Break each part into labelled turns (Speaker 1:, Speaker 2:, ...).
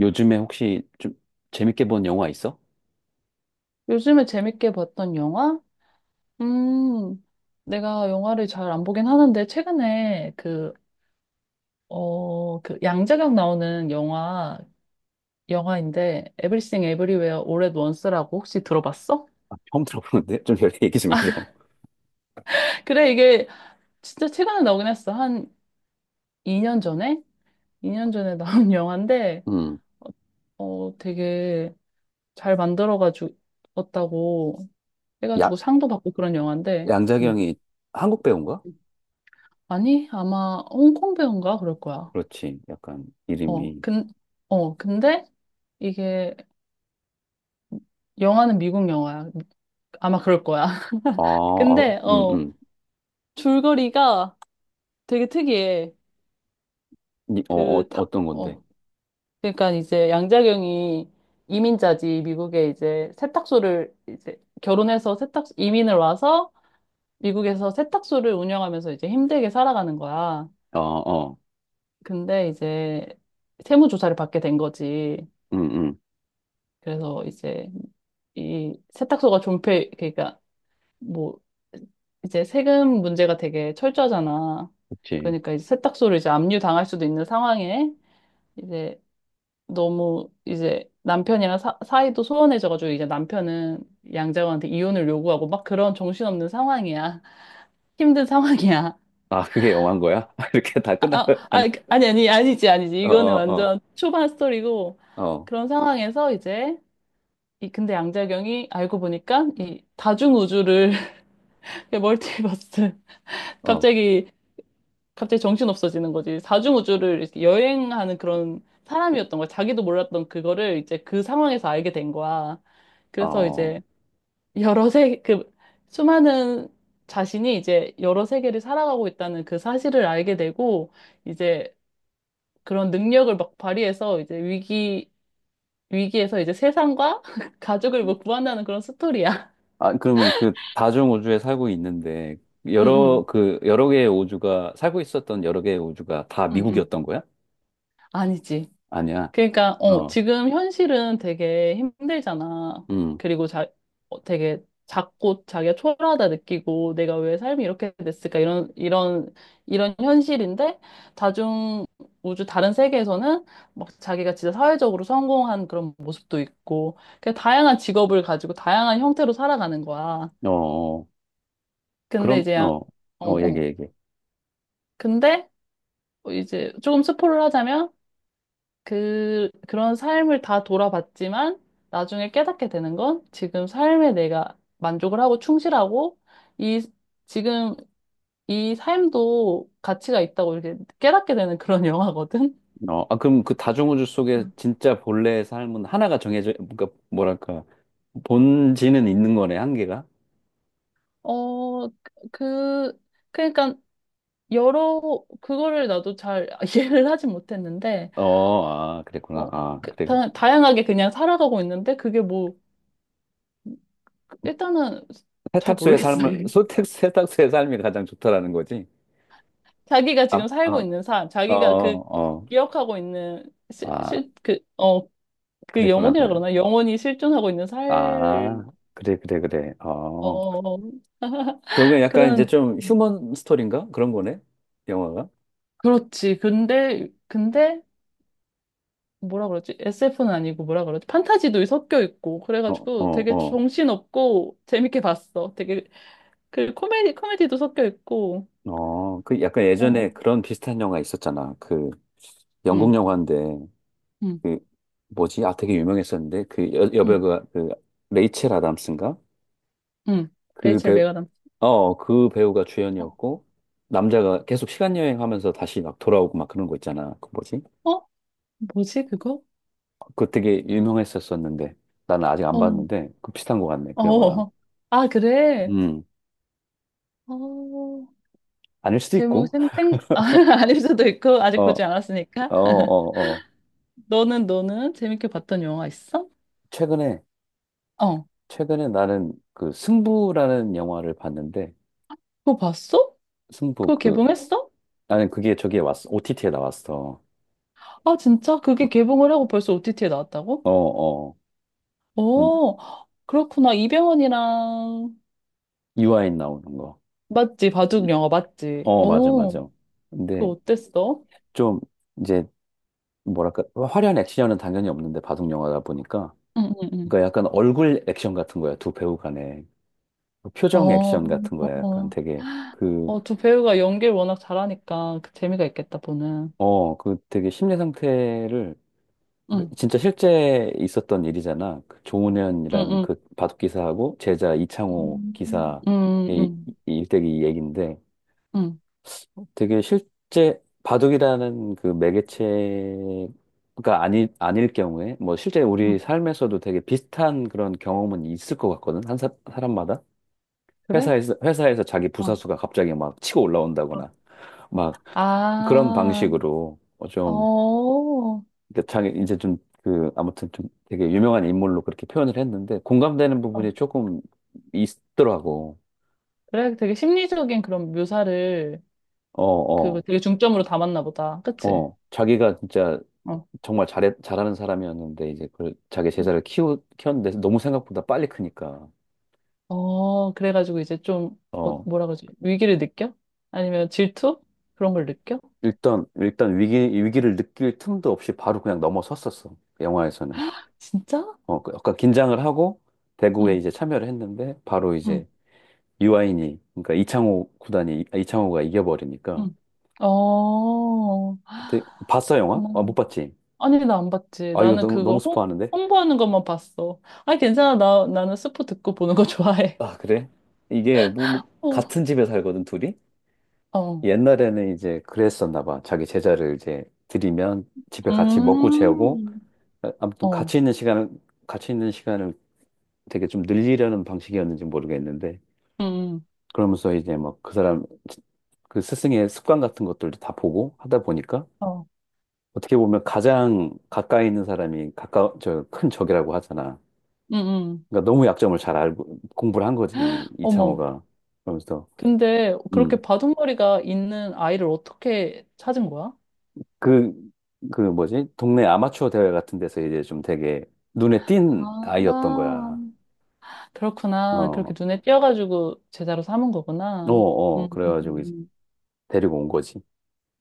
Speaker 1: 요즘에 혹시 좀 재밌게 본 영화 있어?
Speaker 2: 요즘에 재밌게 봤던 영화? 음, 내가 영화를 잘 안 보긴 하는데, 최근에 그 양자경 나오는 영화인데, Everything Everywhere All at Once라고 혹시 들어봤어?
Speaker 1: 아, 처음 들어보는데? 좀 열심히 얘기 좀 해줘.
Speaker 2: 그래, 이게 진짜 최근에 나오긴 했어. 한 2년 전에? 2년 전에 나온 영화인데,
Speaker 1: 음,
Speaker 2: 되게 잘 만들어가지고,
Speaker 1: 야,
Speaker 2: 해가지고 상도 받고 그런 영화인데, 음.
Speaker 1: 양자경이 한국 배우인가?
Speaker 2: 아니, 아마 홍콩 배우인가 그럴 거야.
Speaker 1: 그렇지. 약간
Speaker 2: 어,
Speaker 1: 이름이.
Speaker 2: 근, 근데 이게 영화는 미국 영화야. 아마 그럴 거야.
Speaker 1: 아, 아,
Speaker 2: 근데,
Speaker 1: 음, 음.
Speaker 2: 줄거리가 되게 특이해.
Speaker 1: 어, 어,
Speaker 2: 그, 다,
Speaker 1: 어떤 건데?
Speaker 2: 어, 그러니까 이제 양자경이 이민자지, 미국에 이제 세탁소를 이제 결혼해서 이민을 와서 미국에서 세탁소를 운영하면서 이제 힘들게 살아가는 거야.
Speaker 1: 어, 어,
Speaker 2: 근데 이제 세무조사를 받게 된 거지.
Speaker 1: 음, 음.
Speaker 2: 그래서 이제 이 세탁소가 존폐, 그러니까 뭐 이제 세금 문제가 되게 철저하잖아.
Speaker 1: 그치.
Speaker 2: 그러니까 이제 세탁소를 이제 압류당할 수도 있는 상황에 이제 너무 이제 남편이랑 사이도 소원해져가지고 이제 남편은 양자호한테 이혼을 요구하고 막 그런 정신없는 상황이야. 힘든 상황이야.
Speaker 1: 아, 그게 영화인 거야? 이렇게 다
Speaker 2: 아,
Speaker 1: 끝난
Speaker 2: 아,
Speaker 1: 거야? 아니,
Speaker 2: 아, 아니, 아니, 아니지, 아니지.
Speaker 1: 어,
Speaker 2: 이거는
Speaker 1: 어, 어,
Speaker 2: 완전 초반 스토리고
Speaker 1: 어.
Speaker 2: 그런 상황에서 이제 이 근데 양자경이 알고 보니까 이 다중우주를 멀티버스
Speaker 1: 어,
Speaker 2: 갑자기 정신 없어지는 거지. 사중우주를 이렇게 여행하는 그런 사람이었던 거야. 자기도 몰랐던 그거를 이제 그 상황에서 알게 된 거야. 그래서
Speaker 1: 어.
Speaker 2: 이제 여러 세, 그 수많은 자신이 이제 여러 세계를 살아가고 있다는 그 사실을 알게 되고 이제 그런 능력을 막 발휘해서 이제 위기에서 이제 세상과 가족을 뭐 구한다는 그런 스토리야.
Speaker 1: 아, 그러면 그 다중 우주에 살고 있는데,
Speaker 2: 응,
Speaker 1: 여러,
Speaker 2: 응,
Speaker 1: 그, 여러 개의 우주가, 살고 있었던 여러 개의 우주가 다
Speaker 2: 응, 응.
Speaker 1: 미국이었던 거야?
Speaker 2: 아니지.
Speaker 1: 아니야.
Speaker 2: 그러니까
Speaker 1: 어,
Speaker 2: 지금 현실은 되게 힘들잖아.
Speaker 1: 음,
Speaker 2: 그리고 자 되게 작고 자기가 초라하다 느끼고 내가 왜 삶이 이렇게 됐을까 이런 현실인데 다중 우주 다른 세계에서는 막 자기가 진짜 사회적으로 성공한 그런 모습도 있고 그 다양한 직업을 가지고 다양한 형태로 살아가는 거야.
Speaker 1: 어, 어.
Speaker 2: 근데
Speaker 1: 그럼, 어, 어, 얘기,
Speaker 2: 어.
Speaker 1: 얘기.
Speaker 2: 근데 이제 조금 스포를 하자면 그런 삶을 다 돌아봤지만 나중에 깨닫게 되는 건 지금 삶에 내가 만족을 하고 충실하고 이, 지금 이 삶도 가치가 있다고 이렇게 깨닫게 되는 그런 영화거든.
Speaker 1: 어, 아, 그럼 그 다중 우주 속에
Speaker 2: 음.
Speaker 1: 진짜 본래의 삶은 하나가 정해져, 그러니까, 뭐랄까, 본질은 있는 거네, 한계가?
Speaker 2: 어, 그, 그러니까 여러, 그거를 나도 잘 이해를 하진 못했는데,
Speaker 1: 어, 아, 그랬구나.
Speaker 2: 어,
Speaker 1: 아, 그래. 그래.
Speaker 2: 다양하게 그냥 살아가고 있는데 그게 뭐, 일단은 잘
Speaker 1: 세탁소의
Speaker 2: 모르겠어요.
Speaker 1: 삶을, 소택, 세탁소의 삶이 가장 좋다라는 거지?
Speaker 2: 자기가
Speaker 1: 아,
Speaker 2: 지금
Speaker 1: 어,
Speaker 2: 살고 있는 삶,
Speaker 1: 어,
Speaker 2: 자기가 그
Speaker 1: 어.
Speaker 2: 기억하고 있는
Speaker 1: 아,
Speaker 2: 그
Speaker 1: 그랬구나,
Speaker 2: 영혼이라
Speaker 1: 그래.
Speaker 2: 그러나? 영혼이 실존하고 있는 살,
Speaker 1: 아, 그래, 그래, 그래. 어.
Speaker 2: 어,
Speaker 1: 결국엔 약간 이제
Speaker 2: 그런,
Speaker 1: 좀 휴먼 스토리인가? 그런 거네? 영화가?
Speaker 2: 그렇지. 근데, 뭐라 그러지? SF는 아니고 뭐라 그러지? 판타지도 섞여 있고,
Speaker 1: 어,
Speaker 2: 그래가지고
Speaker 1: 어,
Speaker 2: 되게
Speaker 1: 어.
Speaker 2: 정신없고 재밌게 봤어. 그 코미디도 섞여 있고,
Speaker 1: 어, 그 약간
Speaker 2: 어,
Speaker 1: 예전에 그런 비슷한 영화 있었잖아. 그 영국
Speaker 2: 응,
Speaker 1: 영화인데,
Speaker 2: 응,
Speaker 1: 그 뭐지? 아, 되게 유명했었는데, 그 여,
Speaker 2: 응,
Speaker 1: 여배우가 그 레이첼 아담스인가?
Speaker 2: 응.
Speaker 1: 그
Speaker 2: 레이첼
Speaker 1: 배우,
Speaker 2: 메가담.
Speaker 1: 어, 그 배우가
Speaker 2: 어,
Speaker 1: 주연이었고, 남자가 계속 시간 여행하면서 다시 막 돌아오고 막 그런 거 있잖아. 그 뭐지?
Speaker 2: 어? 뭐지, 그거?
Speaker 1: 그거 되게 유명했었었는데 나는 아직 안
Speaker 2: 어,
Speaker 1: 봤는데 그 비슷한 것 같네 그 영화랑.
Speaker 2: 어. 아, 그래.
Speaker 1: 음.
Speaker 2: 어,
Speaker 1: 아닐 수도
Speaker 2: 제목
Speaker 1: 있고.
Speaker 2: 생생, 아, 아닐 수도 있고,
Speaker 1: 어,
Speaker 2: 아직 보지 않았으니까.
Speaker 1: 어, 어, 어.
Speaker 2: 너는 재밌게 봤던 영화 있어?
Speaker 1: 최근에
Speaker 2: 어,
Speaker 1: 최근에 나는 그 승부라는 영화를 봤는데.
Speaker 2: 그거 봤어?
Speaker 1: 승부,
Speaker 2: 그거
Speaker 1: 그,
Speaker 2: 개봉했어?
Speaker 1: 나는 그게 저기에 왔어. OTT에 나왔어.
Speaker 2: 아, 진짜? 그게 개봉을 하고 벌써 OTT에 나왔다고?
Speaker 1: 어어
Speaker 2: 어, 그렇구나. 이병헌이랑,
Speaker 1: 유아인 나오는 거.
Speaker 2: 맞지? 바둑 영화 맞지?
Speaker 1: 어, 맞아, 맞아.
Speaker 2: 그거
Speaker 1: 근데
Speaker 2: 어땠어?
Speaker 1: 좀 이제 뭐랄까 화려한 액션은 당연히 없는데 바둑 영화다 보니까
Speaker 2: 응, 응, 응.
Speaker 1: 그러니까 약간 얼굴 액션 같은 거야 두 배우 간에. 표정
Speaker 2: 어,
Speaker 1: 액션 같은 거야. 약간
Speaker 2: 어,
Speaker 1: 되게 그,
Speaker 2: 두 배우가 연기를 워낙 잘하니까 그 재미가 있겠다, 보는.
Speaker 1: 어, 그 되게 심리 상태를, 그
Speaker 2: 응,
Speaker 1: 진짜 실제 있었던 일이잖아. 그
Speaker 2: 응,
Speaker 1: 조은현이라는
Speaker 2: 응.
Speaker 1: 그 바둑 기사하고 제자 이창호
Speaker 2: 응,
Speaker 1: 기사
Speaker 2: 응,
Speaker 1: 의
Speaker 2: 응.
Speaker 1: 일대기 얘기인데 되게 실제 바둑이라는 그 매개체가 아니, 아닐 경우에 뭐 실제
Speaker 2: 응.
Speaker 1: 우리 삶에서도 되게 비슷한 그런 경험은 있을 것 같거든. 한 사, 사람마다.
Speaker 2: 그래?
Speaker 1: 회사에서, 자기
Speaker 2: 어.
Speaker 1: 부사수가 갑자기 막 치고
Speaker 2: 어,
Speaker 1: 올라온다거나 막 그런
Speaker 2: 아,
Speaker 1: 방식으로 어, 좀
Speaker 2: 어.
Speaker 1: 그러니까 자기 이제 좀 그 아무튼 좀 되게 유명한 인물로 그렇게 표현을 했는데 공감되는
Speaker 2: 어.
Speaker 1: 부분이 조금 있더라고.
Speaker 2: 그래, 되게 심리적인 그런 묘사를
Speaker 1: 어,
Speaker 2: 그
Speaker 1: 어,
Speaker 2: 되게 중점으로 담았나 보다. 그치?
Speaker 1: 어. 자기가 진짜
Speaker 2: 어.
Speaker 1: 정말 잘해, 잘하는 사람이었는데 이제 그 자기 제자를 키우 키웠는데 너무 생각보다 빨리 크니까.
Speaker 2: 그래가지고 이제 좀,
Speaker 1: 어.
Speaker 2: 뭐라 그러지? 위기를 느껴? 아니면 질투? 그런 걸 느껴?
Speaker 1: 일단 위기, 위기를 느낄 틈도 없이 바로 그냥 넘어섰었어 영화에서는.
Speaker 2: 진짜?
Speaker 1: 어, 그 약간 긴장을 하고 대구에
Speaker 2: 응,
Speaker 1: 이제 참여를 했는데 바로
Speaker 2: 응,
Speaker 1: 이제 유아인이, 그러니까 이창호 구단이, 아, 이창호가 이겨버리니까.
Speaker 2: 응. 어,
Speaker 1: 근데 봤어 영화? 아 못
Speaker 2: 그렇구나.
Speaker 1: 봤지?
Speaker 2: 아니, 나 안 봤지.
Speaker 1: 아 이거
Speaker 2: 나는
Speaker 1: 너무 너무
Speaker 2: 그거
Speaker 1: 스포하는데.
Speaker 2: 홍보하는 것만 봤어. 아, 괜찮아. 나는 스포 듣고 보는 거 좋아해.
Speaker 1: 아, 그래? 이게 뭐, 뭐,
Speaker 2: 어,
Speaker 1: 같은 집에 살거든, 둘이?
Speaker 2: 어.
Speaker 1: 옛날에는 이제 그랬었나 봐. 자기 제자를 이제 들이면 집에 같이 먹고 재우고
Speaker 2: 음,
Speaker 1: 아, 아무튼
Speaker 2: 어,
Speaker 1: 같이 있는 시간을 되게 좀 늘리려는 방식이었는지 모르겠는데
Speaker 2: 응,
Speaker 1: 그러면서 이제 막 그 사람, 그 스승의 습관 같은 것들도 다 보고 하다 보니까
Speaker 2: 어,
Speaker 1: 어떻게 보면 가장 가까이 있는 사람이 가까 저 큰 적이라고 하잖아.
Speaker 2: 응, 응.
Speaker 1: 그러니까 너무 약점을 잘 알고 공부를 한 거지
Speaker 2: 어머.
Speaker 1: 이창호가. 그러면서.
Speaker 2: 근데 그렇게
Speaker 1: 음.
Speaker 2: 바둑머리가 있는 아이를 어떻게 찾은 거야?
Speaker 1: 그, 그 뭐지? 동네 아마추어 대회 같은 데서 이제 좀 되게 눈에 띈 아이였던
Speaker 2: 아,
Speaker 1: 거야.
Speaker 2: 그렇구나.
Speaker 1: 어.
Speaker 2: 그렇게 눈에 띄어가지고 제자로 삼은
Speaker 1: 어,
Speaker 2: 거구나.
Speaker 1: 어.
Speaker 2: 음,
Speaker 1: 그래가지고 이제
Speaker 2: 음,
Speaker 1: 데리고 온 거지.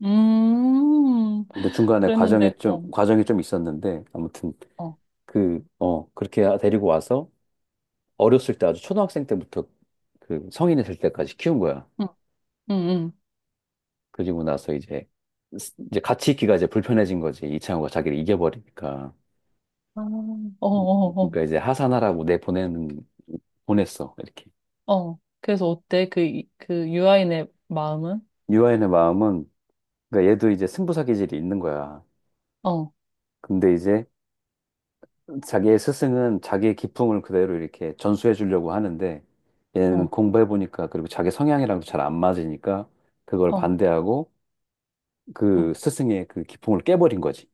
Speaker 2: 음. 음,
Speaker 1: 근데 중간에 과정에
Speaker 2: 그랬는데,
Speaker 1: 좀
Speaker 2: 어,
Speaker 1: 과정이 좀 있었는데 아무튼
Speaker 2: 어,
Speaker 1: 그 어, 그렇게 데리고 와서 어렸을 때 아주 초등학생 때부터 그 성인이 될 때까지 키운 거야.
Speaker 2: 응, 응, 응.
Speaker 1: 그리고 나서 이제 이제 같이 있기가 이제 불편해진 거지. 이창호가 자기를 이겨버리니까.
Speaker 2: 아, 어, 어,
Speaker 1: 그러니까 이제 하산하라고 내보내는 보냈어. 이렇게.
Speaker 2: 어, 어. 그래서 어때? 그 유아인의 마음은?
Speaker 1: 유아인의 마음은 그러니까 얘도 이제 승부사 기질이 있는 거야.
Speaker 2: 어,
Speaker 1: 근데 이제 자기의 스승은 자기의 기풍을 그대로 이렇게 전수해 주려고 하는데 얘는
Speaker 2: 어,
Speaker 1: 공부해 보니까 그리고 자기 성향이랑도 잘 안 맞으니까 그걸
Speaker 2: 어,
Speaker 1: 반대하고
Speaker 2: 어,
Speaker 1: 그 스승의 그 기풍을 깨버린 거지.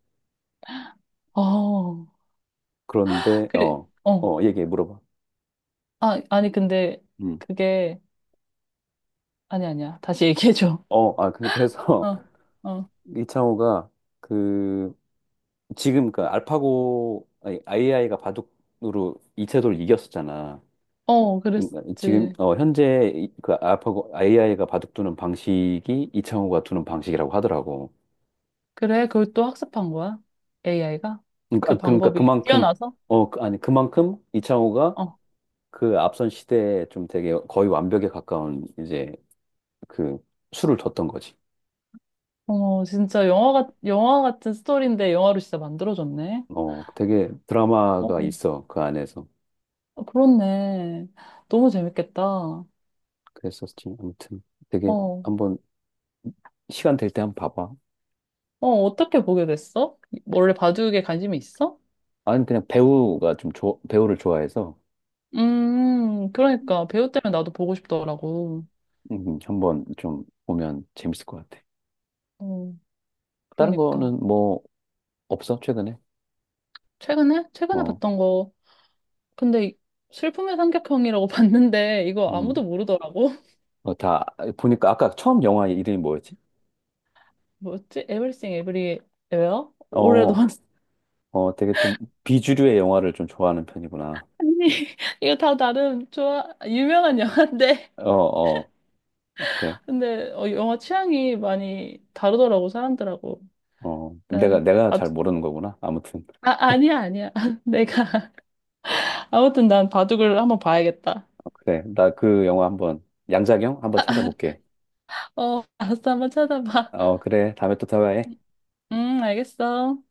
Speaker 2: 어.
Speaker 1: 그런데
Speaker 2: 그,
Speaker 1: 어,
Speaker 2: 어.
Speaker 1: 어, 얘기해 물어봐.
Speaker 2: 아, 아니, 근데
Speaker 1: 음.
Speaker 2: 그게 아니, 아니야. 다시 얘기해줘.
Speaker 1: 어, 아, 근데 그래서
Speaker 2: 어, 어,
Speaker 1: 이창호가 그 지금 그 알파고 아니, 아이아이가 바둑으로 이세돌 이겼었잖아.
Speaker 2: 어,
Speaker 1: 그러니까 지금
Speaker 2: 그랬지.
Speaker 1: 어, 현재 그 알파고 아이아이가 바둑 두는 방식이 이창호가 두는 방식이라고 하더라고.
Speaker 2: 그래, 그걸 또 학습한 거야? AI가?
Speaker 1: 그러니까 아,
Speaker 2: 그
Speaker 1: 그러니까
Speaker 2: 방법이
Speaker 1: 그만큼.
Speaker 2: 뛰어나서?
Speaker 1: 어 아니 그만큼 이창호가
Speaker 2: 어,
Speaker 1: 그 앞선 시대에 좀 되게 거의 완벽에 가까운 이제 그 수를 뒀던 거지.
Speaker 2: 어머, 진짜 영화 같은 스토리인데 영화로 진짜 만들어졌네.
Speaker 1: 어 되게
Speaker 2: 어,
Speaker 1: 드라마가 있어 그 안에서.
Speaker 2: 어, 그렇네. 너무 재밌겠다. 어,
Speaker 1: 그랬었지. 아무튼 되게
Speaker 2: 어,
Speaker 1: 한번 시간 될 때 한번 봐봐.
Speaker 2: 어떻게 보게 됐어? 원래 바둑에 관심이 있어?
Speaker 1: 아니, 그냥 배우가 좀 배우를 좋아해서.
Speaker 2: 그러니까. 배우 때문에 나도 보고 싶더라고.
Speaker 1: 한번 좀 보면 재밌을 것 같아.
Speaker 2: 어,
Speaker 1: 다른
Speaker 2: 그러니까.
Speaker 1: 거는 뭐, 없어, 최근에?
Speaker 2: 최근에? 최근에
Speaker 1: 어,
Speaker 2: 봤던 거. 근데 슬픔의 삼각형이라고 봤는데 이거
Speaker 1: 음,
Speaker 2: 아무도 모르더라고.
Speaker 1: 어, 다, 보니까 아까 처음 영화 이름이 뭐였지?
Speaker 2: 뭐였지? Everything Everywhere? 올해도
Speaker 1: 어, 어, 되게 좀 비주류의 영화를 좀 좋아하는 편이구나.
Speaker 2: 아니 이거 다 나름 좋아 유명한 영화인데.
Speaker 1: 어, 어, 그래.
Speaker 2: 근데 영화 취향이 많이 다르더라고 사람들하고.
Speaker 1: 어, 내가,
Speaker 2: 일단
Speaker 1: 내가 잘
Speaker 2: 바둑.
Speaker 1: 모르는 거구나. 아무튼.
Speaker 2: 아 아니야 아니야 내가 아무튼 난 바둑을 한번 봐야겠다.
Speaker 1: 그래. 나 그 영화 한번, 양자경? 한번 찾아볼게.
Speaker 2: 어 알았어 한번 찾아봐.
Speaker 1: 어, 그래. 다음에 또 대화해.
Speaker 2: 알겠어.